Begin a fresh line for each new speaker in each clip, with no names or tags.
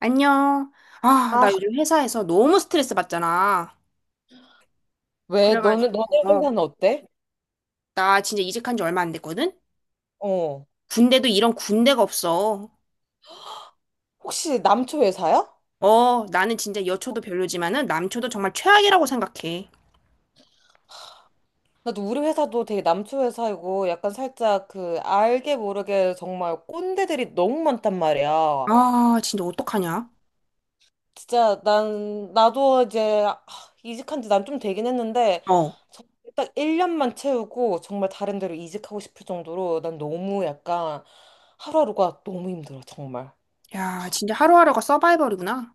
안녕. 아,
아,
나 요즘 회사에서 너무 스트레스 받잖아.
왜? 너는,
그래가지고,
너네 회사는 어때?
나 진짜 이직한 지 얼마 안 됐거든?
어.
군대도 이런 군대가 없어.
혹시 남초 회사야?
어, 나는 진짜 여초도 별로지만은 남초도 정말 최악이라고 생각해.
나도 우리 회사도 되게 남초 회사이고 약간 살짝 그 알게 모르게 정말 꼰대들이 너무 많단 말이야.
아, 진짜 어떡하냐?
진짜 나도 이제 이직한 지 난 좀 되긴 했는데
어.
정말 딱 1년만 채우고 정말 다른 데로 이직하고 싶을 정도로 난 너무 약간 하루하루가 너무 힘들어, 정말.
야, 진짜 하루하루가 서바이벌이구나.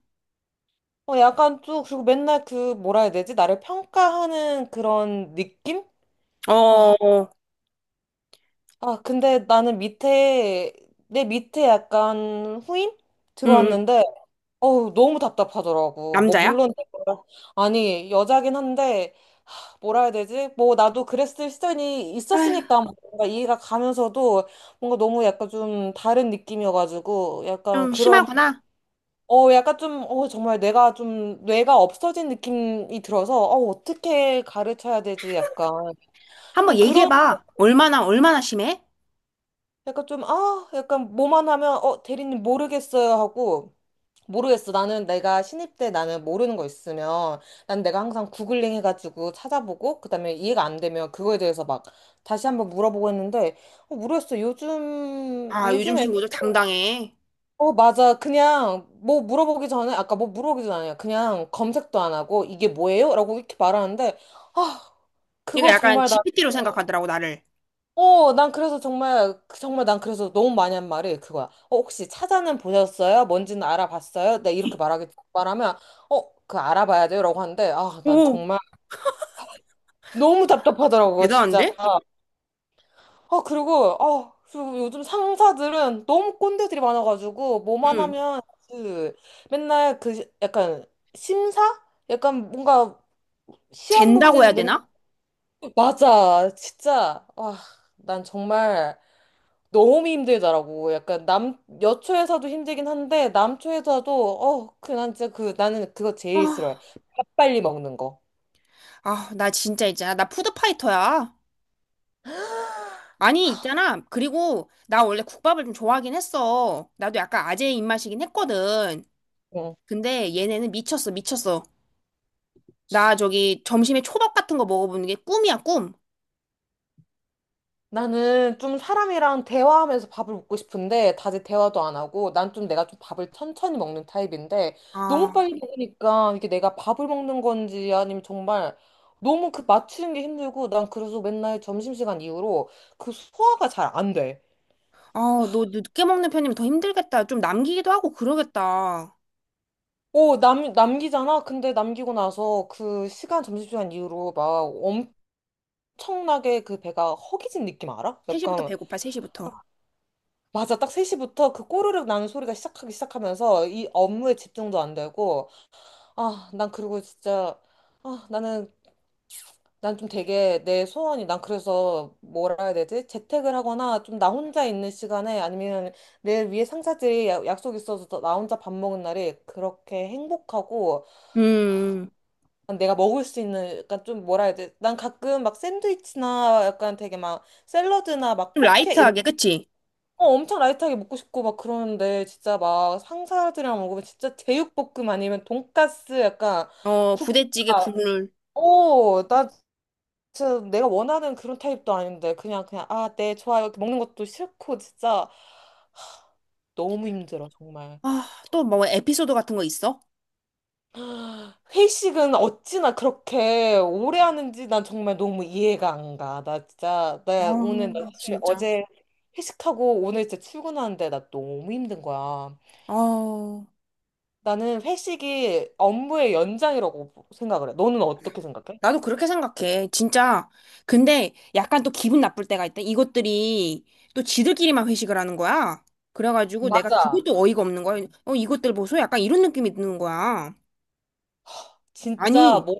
어, 약간 또, 그리고 맨날 그, 뭐라 해야 되지? 나를 평가하는 그런 느낌?
어, 어,
아, 근데 내 밑에 약간 후임?
응, 응.
들어왔는데, 어우, 너무 답답하더라고. 뭐,
남자야?
물론, 내가- 아니, 여자긴 한데, 뭐라 해야 되지? 뭐, 나도 그랬을 시절이
아휴,
있었으니까 뭔가 이해가 가면서도 뭔가 너무 약간 좀 다른 느낌이어가지고, 약간
좀
그런,
심하구나.
어, 약간 좀, 어, 정말 내가 좀, 뇌가 없어진 느낌이 들어서, 어, 어떻게 가르쳐야 되지? 약간.
한번
좀 그런
얘기해봐. 얼마나, 얼마나 심해?
약간 좀, 아, 약간 뭐만 하면, 어, 대리님 모르겠어요 하고, 모르겠어. 나는 내가 신입 때 나는 모르는 거 있으면, 난 내가 항상 구글링 해가지고 찾아보고, 그다음에 이해가 안 되면 그거에 대해서 막 다시 한번 물어보고 했는데, 어, 모르겠어. 요즘,
아, 요즘
요즘에,
친구들 당당해.
어, 맞아. 그냥 뭐 물어보기 전에, 아까 뭐 물어보기 전에 그냥 검색도 안 하고, 이게 뭐예요? 라고 이렇게 말하는데, 아,
그러니까
그거
약간
정말 나,
GPT로 생각하더라고, 나를.
어, 정말 난 그래서 너무 많이 한 말이 그거야. 어, 혹시 찾아는 보셨어요? 뭔지는 알아봤어요? 나 이렇게 말하기, 말하면, 어, 그 알아봐야 돼요? 라고 하는데, 아, 난
오.
정말 너무 답답하더라고, 진짜.
대단한데?
아, 그리고 요즘 상사들은 너무 꼰대들이 많아가지고, 뭐만
응.
하면, 그, 맨날 그, 시- 약간, 심사? 약간 뭔가, 시험
잰다고
보듯이
해야
맨날,
되나?
맞아, 진짜. 아, 난 정말. 너무 힘들더라고. 약간 남, 여초에서도 힘들긴 한데, 남초에서도, 어, 그, 난 진짜 그, 나는 그거
아,
제일 싫어해. 밥 빨리 먹는 거.
아, 나 진짜 있잖아. 나 푸드파이터야. 아니, 있잖아. 그리고 나 원래 국밥을 좀 좋아하긴 했어. 나도 약간 아재 입맛이긴 했거든.
응.
근데 얘네는 미쳤어, 미쳤어. 나 저기 점심에 초밥 같은 거 먹어보는 게 꿈이야, 꿈.
나는 좀 사람이랑 대화하면서 밥을 먹고 싶은데, 다들 대화도 안 하고, 난 좀 내가 좀 밥을 천천히 먹는 타입인데,
아,
너무 빨리 먹으니까, 이게 내가 밥을 먹는 건지, 아니면 정말, 너무 그 맞추는 게 힘들고, 난 그래서 맨날 점심시간 이후로 그 소화가 잘 안 돼.
아, 너 늦게 먹는 편이면 더 힘들겠다. 좀 남기기도 하고 그러겠다.
오, 남기잖아? 근데 남기고 나서 그 시간, 점심시간 이후로 막 엄청나게 그 배가 허기진 느낌 알아?
3시부터
약간,
배고파, 3시부터.
맞아. 딱 3시부터 그 꼬르륵 나는 소리가 시작하기 시작하면서 이 업무에 집중도 안 되고, 아, 난 그리고 진짜, 아, 나는, 난 좀 되게 내 소원이, 난 그래서 뭐라 해야 되지? 재택을 하거나 좀 나 혼자 있는 시간에 아니면 내 위에 상사들이 야- 약속 있어서 나 혼자 밥 먹은 날이 그렇게 행복하고,
음,
내가 먹을 수 있는 약간 좀 뭐라 해야 돼? 난 가끔 막 샌드위치나 약간 되게 막 샐러드나 막
좀
포케 이런
라이트하게, 그치?
어, 엄청 라이트하게 먹고 싶고 막 그러는데 진짜 막 상사들이랑 먹으면 진짜 제육볶음 아니면 돈까스 약간
어, 부대찌개
국밥
국물.
어, 나 진짜 내가 원하는 그런 타입도 아닌데 그냥 아, 네, 좋아요. 이렇게 먹는 것도 싫고 진짜 너무 힘들어 정말.
아, 또 뭐 에피소드 같은 거 있어?
회식은 어찌나 그렇게 오래 하는지 난 정말 너무 이해가 안 가.
아,
나 사실
진짜.
어제 회식하고 오늘 진짜 출근하는데 나 너무 힘든 거야.
아,
나는 회식이 업무의 연장이라고 생각을 해. 너는 어떻게 생각해?
나도 그렇게 생각해. 진짜. 근데 약간 또 기분 나쁠 때가 있다. 이것들이 또 지들끼리만 회식을 하는 거야. 그래가지고 내가
맞아.
그것도 어이가 없는 거야. 어, 이것들 보소? 약간 이런 느낌이 드는 거야.
진짜,
아니,
뭐,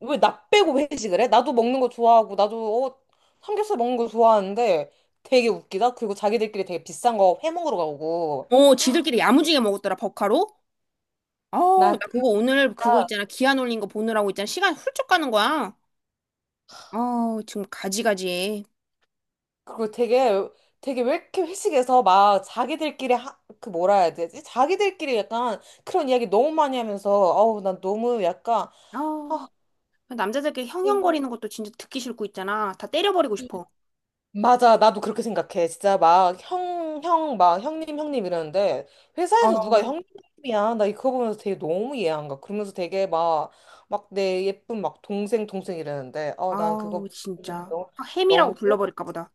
왜 나 빼고 회식을 해? 나도 먹는 거 좋아하고, 나도, 어, 삼겹살 먹는 거 좋아하는데 되게 웃기다. 그리고 자기들끼리 되게 비싼 거 회 먹으러 가고.
지들끼리 야무지게 먹었더라, 버카로? 아,
나
나 그거 오늘 그거 있잖아. 기한 올린 거 보느라고 있잖아. 시간 훌쩍 가는 거야. 아, 지금 가지가지해.
그리고 되게 왜 이렇게 회식에서 막 자기들끼리 하, 그 뭐라 해야 되지? 자기들끼리 약간 그런 이야기 너무 많이 하면서 어우 난 너무 약간
아,
아
남자들끼리
네.
형형거리는 것도 진짜 듣기 싫고 있잖아. 다 때려버리고 싶어.
맞아 나도 그렇게 생각해 진짜 막 형 막 형님 이러는데
아
회사에서 누가 형님이야 나 이거 보면서 되게 너무 이해 안 가. 그러면서 되게 막 막 내 예쁜 막 동생 이러는데 어 난 그거
아우,
보고는
진짜.
너무
아, 햄이라고
너무 꼴-
불러버릴까 보다.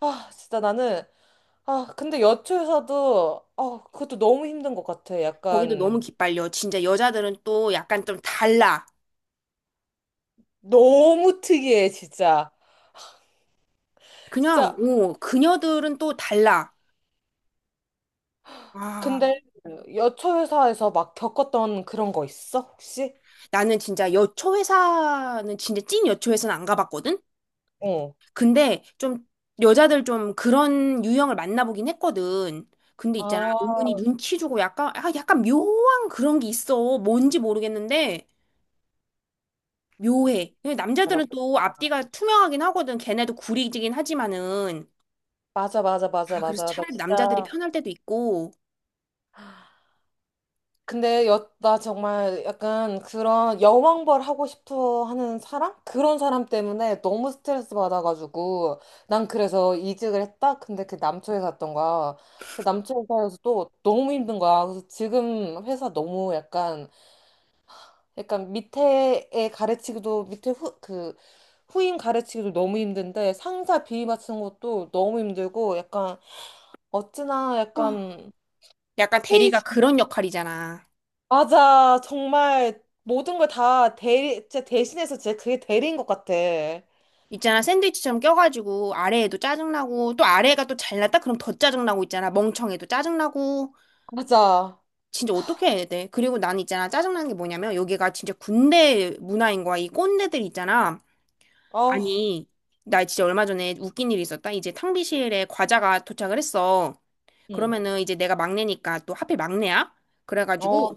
아 진짜 나는 아, 근데 여초에서도, 아, 그것도 너무 힘든 것 같아.
거기도 너무
약간,
기빨려. 진짜 여자들은 또 약간 좀 달라.
너무 특이해, 진짜.
그냥,
진짜,
오, 그녀들은 또 달라. 아,
근데 여초 회사에서 막 겪었던 그런 거 있어, 혹시?
나는 진짜 여초회사는 진짜 찐 여초회사는 안 가봤거든?
어.
근데 좀 여자들 좀 그런 유형을 만나보긴 했거든. 근데 있잖아,
아,
은근히 눈치 주고 약간, 아, 약간 묘한 그런 게 있어. 뭔지 모르겠는데, 묘해. 근데
알아.
남자들은 또 앞뒤가 투명하긴 하거든. 걔네도 구리지긴 하지만은.
맞아, 맞아, 맞아,
아, 그래서
맞아. 나
차라리 남자들이
진짜.
편할 때도 있고,
근데 여, 나 정말 약간 그런 여왕벌 하고 싶어 하는 사람? 그런 사람 때문에 너무 스트레스 받아가지고 난 그래서 이직을 했다? 근데 그 남초에 갔던 거야. 근데 남초 회사에서 또 너무 힘든 거야. 그래서 지금 회사 너무 약간 약간 밑에에 가르치기도 밑에 후, 그 후임 가르치기도 너무 힘든데 상사 비위 맞추는 것도 너무 힘들고 약간 어찌나
어,
약간
약간 대리가 그런 역할이잖아.
맞아. 정말 모든 걸 다 대리, 진짜 대신해서 진짜 그게 대리인 것 같아.
있잖아, 샌드위치처럼 껴가지고, 아래에도 짜증나고, 또 아래가 또 잘났다? 그럼 더 짜증나고 있잖아. 멍청해도 짜증나고.
맞아.
진짜 어떻게 해야 돼? 그리고 난 있잖아, 짜증나는 게 뭐냐면, 여기가 진짜 군대 문화인 거야. 이 꼰대들 있잖아.
아,
아니, 나 진짜 얼마 전에 웃긴 일이 있었다. 이제 탕비실에 과자가 도착을 했어.
응.
그러면은 이제 내가 막내니까 또 하필 막내야? 그래가지고,
어,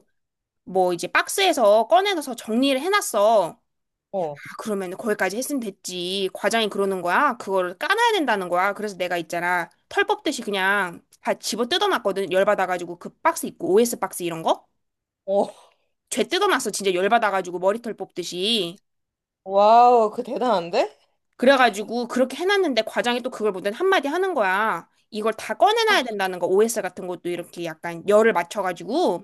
뭐 이제 박스에서 꺼내서 정리를 해놨어.
어,
그러면 거기까지 했으면 됐지. 과장이 그러는 거야. 그거를 까놔야 된다는 거야. 그래서 내가 있잖아. 털 뽑듯이 그냥 다 집어 뜯어놨거든. 열받아가지고 그 박스 있고 OS 박스 이런 거?
어.
죄 뜯어놨어. 진짜 열받아가지고 머리털 뽑듯이.
와우, 그 대단한데?
그래가지고 그렇게 해놨는데 과장이 또 그걸 보더니 한마디 하는 거야. 이걸 다 꺼내놔야 된다는 거. OS 같은 것도 이렇게 약간 열을 맞춰가지고.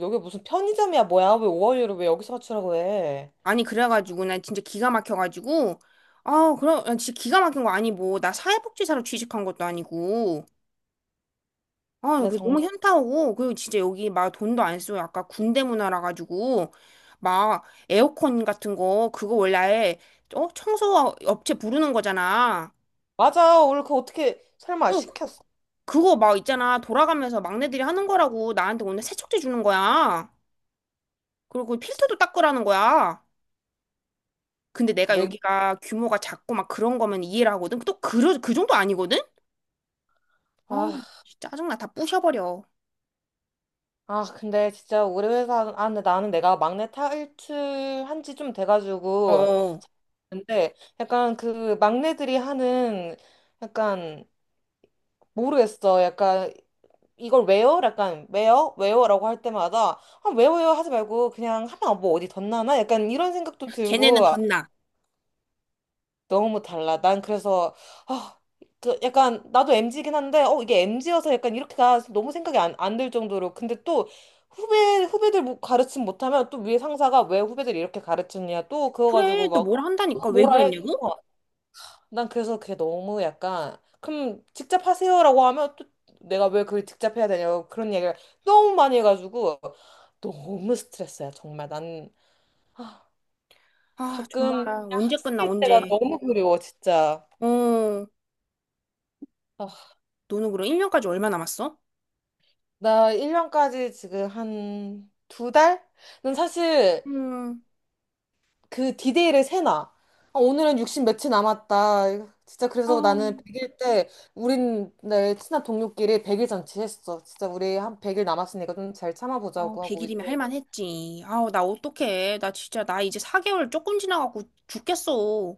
여기 무슨 편의점이야, 뭐야? 왜 5월유를 왜 여기서 맞추라고 해?
아니 그래가지고 난 진짜 기가 막혀가지고. 아 그럼 난 진짜 기가 막힌 거 아니 뭐. 나 사회복지사로 취직한 것도 아니고. 아,
나
그 너무
정말.
현타오고 그리고 진짜 여기 막 돈도 안 쓰고 약간 군대 문화라 가지고 막 에어컨 같은 거 그거 원래 아예, 청소 업체 부르는 거잖아.
맞아. 오늘 그거 어떻게 설마
그
시켰어?
그거 막 있잖아 돌아가면서 막내들이 하는 거라고 나한테 오늘 세척제 주는 거야. 그리고 그 필터도 닦으라는 거야. 근데 내가
왜?
여기가 규모가 작고 막 그런 거면 이해를 하거든. 또 그 정도 아니거든? 아,
아,
진짜 짜증나. 다 부셔버려.
아, 근데 진짜 우리 회사, 아, 근데 나는 내가 막내 탈출한 지 좀 돼가지고.
어,
근데 약간 그 막내들이 하는 약간 모르겠어. 약간 이걸 왜요? 약간 왜요? 왜요?라고 할 때마다 아 왜요? 하지 말고 그냥 하면 뭐 어디 덧나나? 약간 이런 생각도
걔네는
들고
덧나.
너무 달라. 난 그래서 아, 그 약간 나도 MZ긴 한데 어 이게 MZ여서 약간 이렇게 가 너무 생각이 안 들 정도로 근데 또 후배들 뭐 가르침 못하면 또 위에 상사가 왜 후배들 이렇게 가르치냐 또 그거
그래,
가지고
또
막
뭘
또
한다니까. 왜
뭐라 해.
그랬냐고?
난 그래서 그게 너무 약간 그럼 직접 하세요라고 하면 또 내가 왜 그걸 직접 해야 되냐고 그런 얘기를 너무 많이 해가지고 너무 스트레스야 정말 난 아,
아, 정말
가끔
언제 끝나
학생 때가
언제?
너무 그리워 진짜
어,
아,
너는 그럼 1년까지 얼마 남았어?
나 1년까지 지금 한 두 달? 난 사실
음.
그 디데이를 세나. 아, 오늘은 60 며칠 남았다. 진짜 그래서 나는
아,
100일 때 우린 내 친한 동료끼리 100일 잔치했어. 진짜 우리 한 100일 남았으니까 좀 잘
아,
참아보자고 하고
100일이면 할
이제
만했지. 아우, 나 어떡해. 나 진짜 나 이제 4개월 조금 지나갖고 죽겠어.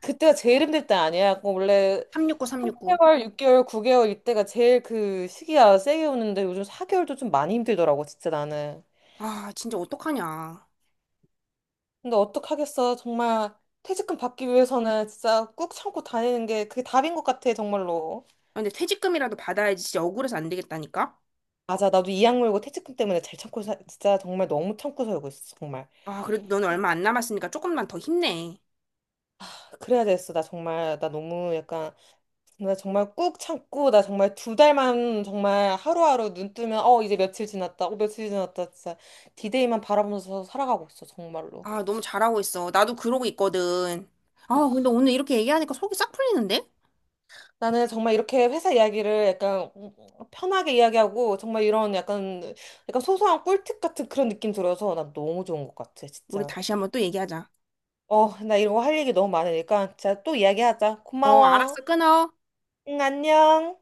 그때가 제일 힘들 때 아니야. 그 원래
369 369.
8개월, 6개월, 9개월 이때가 제일 그 시기야 세게 오는데 요즘 4개월도 좀 많이 힘들더라고 진짜 나는.
아, 진짜 어떡하냐. 아,
근데 어떡하겠어. 정말 퇴직금 받기 위해서는 진짜 꾹 참고 다니는 게 그게 답인 것 같아 정말로.
근데 퇴직금이라도 받아야지 진짜 억울해서 안 되겠다니까.
맞아. 나도 이 악물고 퇴직금 때문에 잘 참고 사, 진짜 정말 너무 참고 살고 있어. 정말.
아, 그래도 너는 얼마 안 남았으니까 조금만 더 힘내.
그래야 됐어. 나 정말 나 너무 약간 나 정말 꾹 참고 나 정말 두 달만 정말 하루하루 눈 뜨면 어 이제 며칠 지났다. 어 며칠 지났다. 진짜 디데이만 바라보면서 살아가고 있어. 정말로.
아, 너무 잘하고 있어. 나도 그러고 있거든.
아,
아, 근데 오늘 이렇게 얘기하니까 속이 싹 풀리는데?
나는 정말 이렇게 회사 이야기를 약간 편하게 이야기하고 정말 이런 약간 약간 소소한 꿀팁 같은 그런 느낌 들어서 난 너무 좋은 것 같아.
우리
진짜.
다시 한번 또 얘기하자.
어, 나 이런 거 할 얘기 너무 많으니까. 자, 또 이야기하자.
어,
고마워.
알았어. 끊어.
응, 안녕.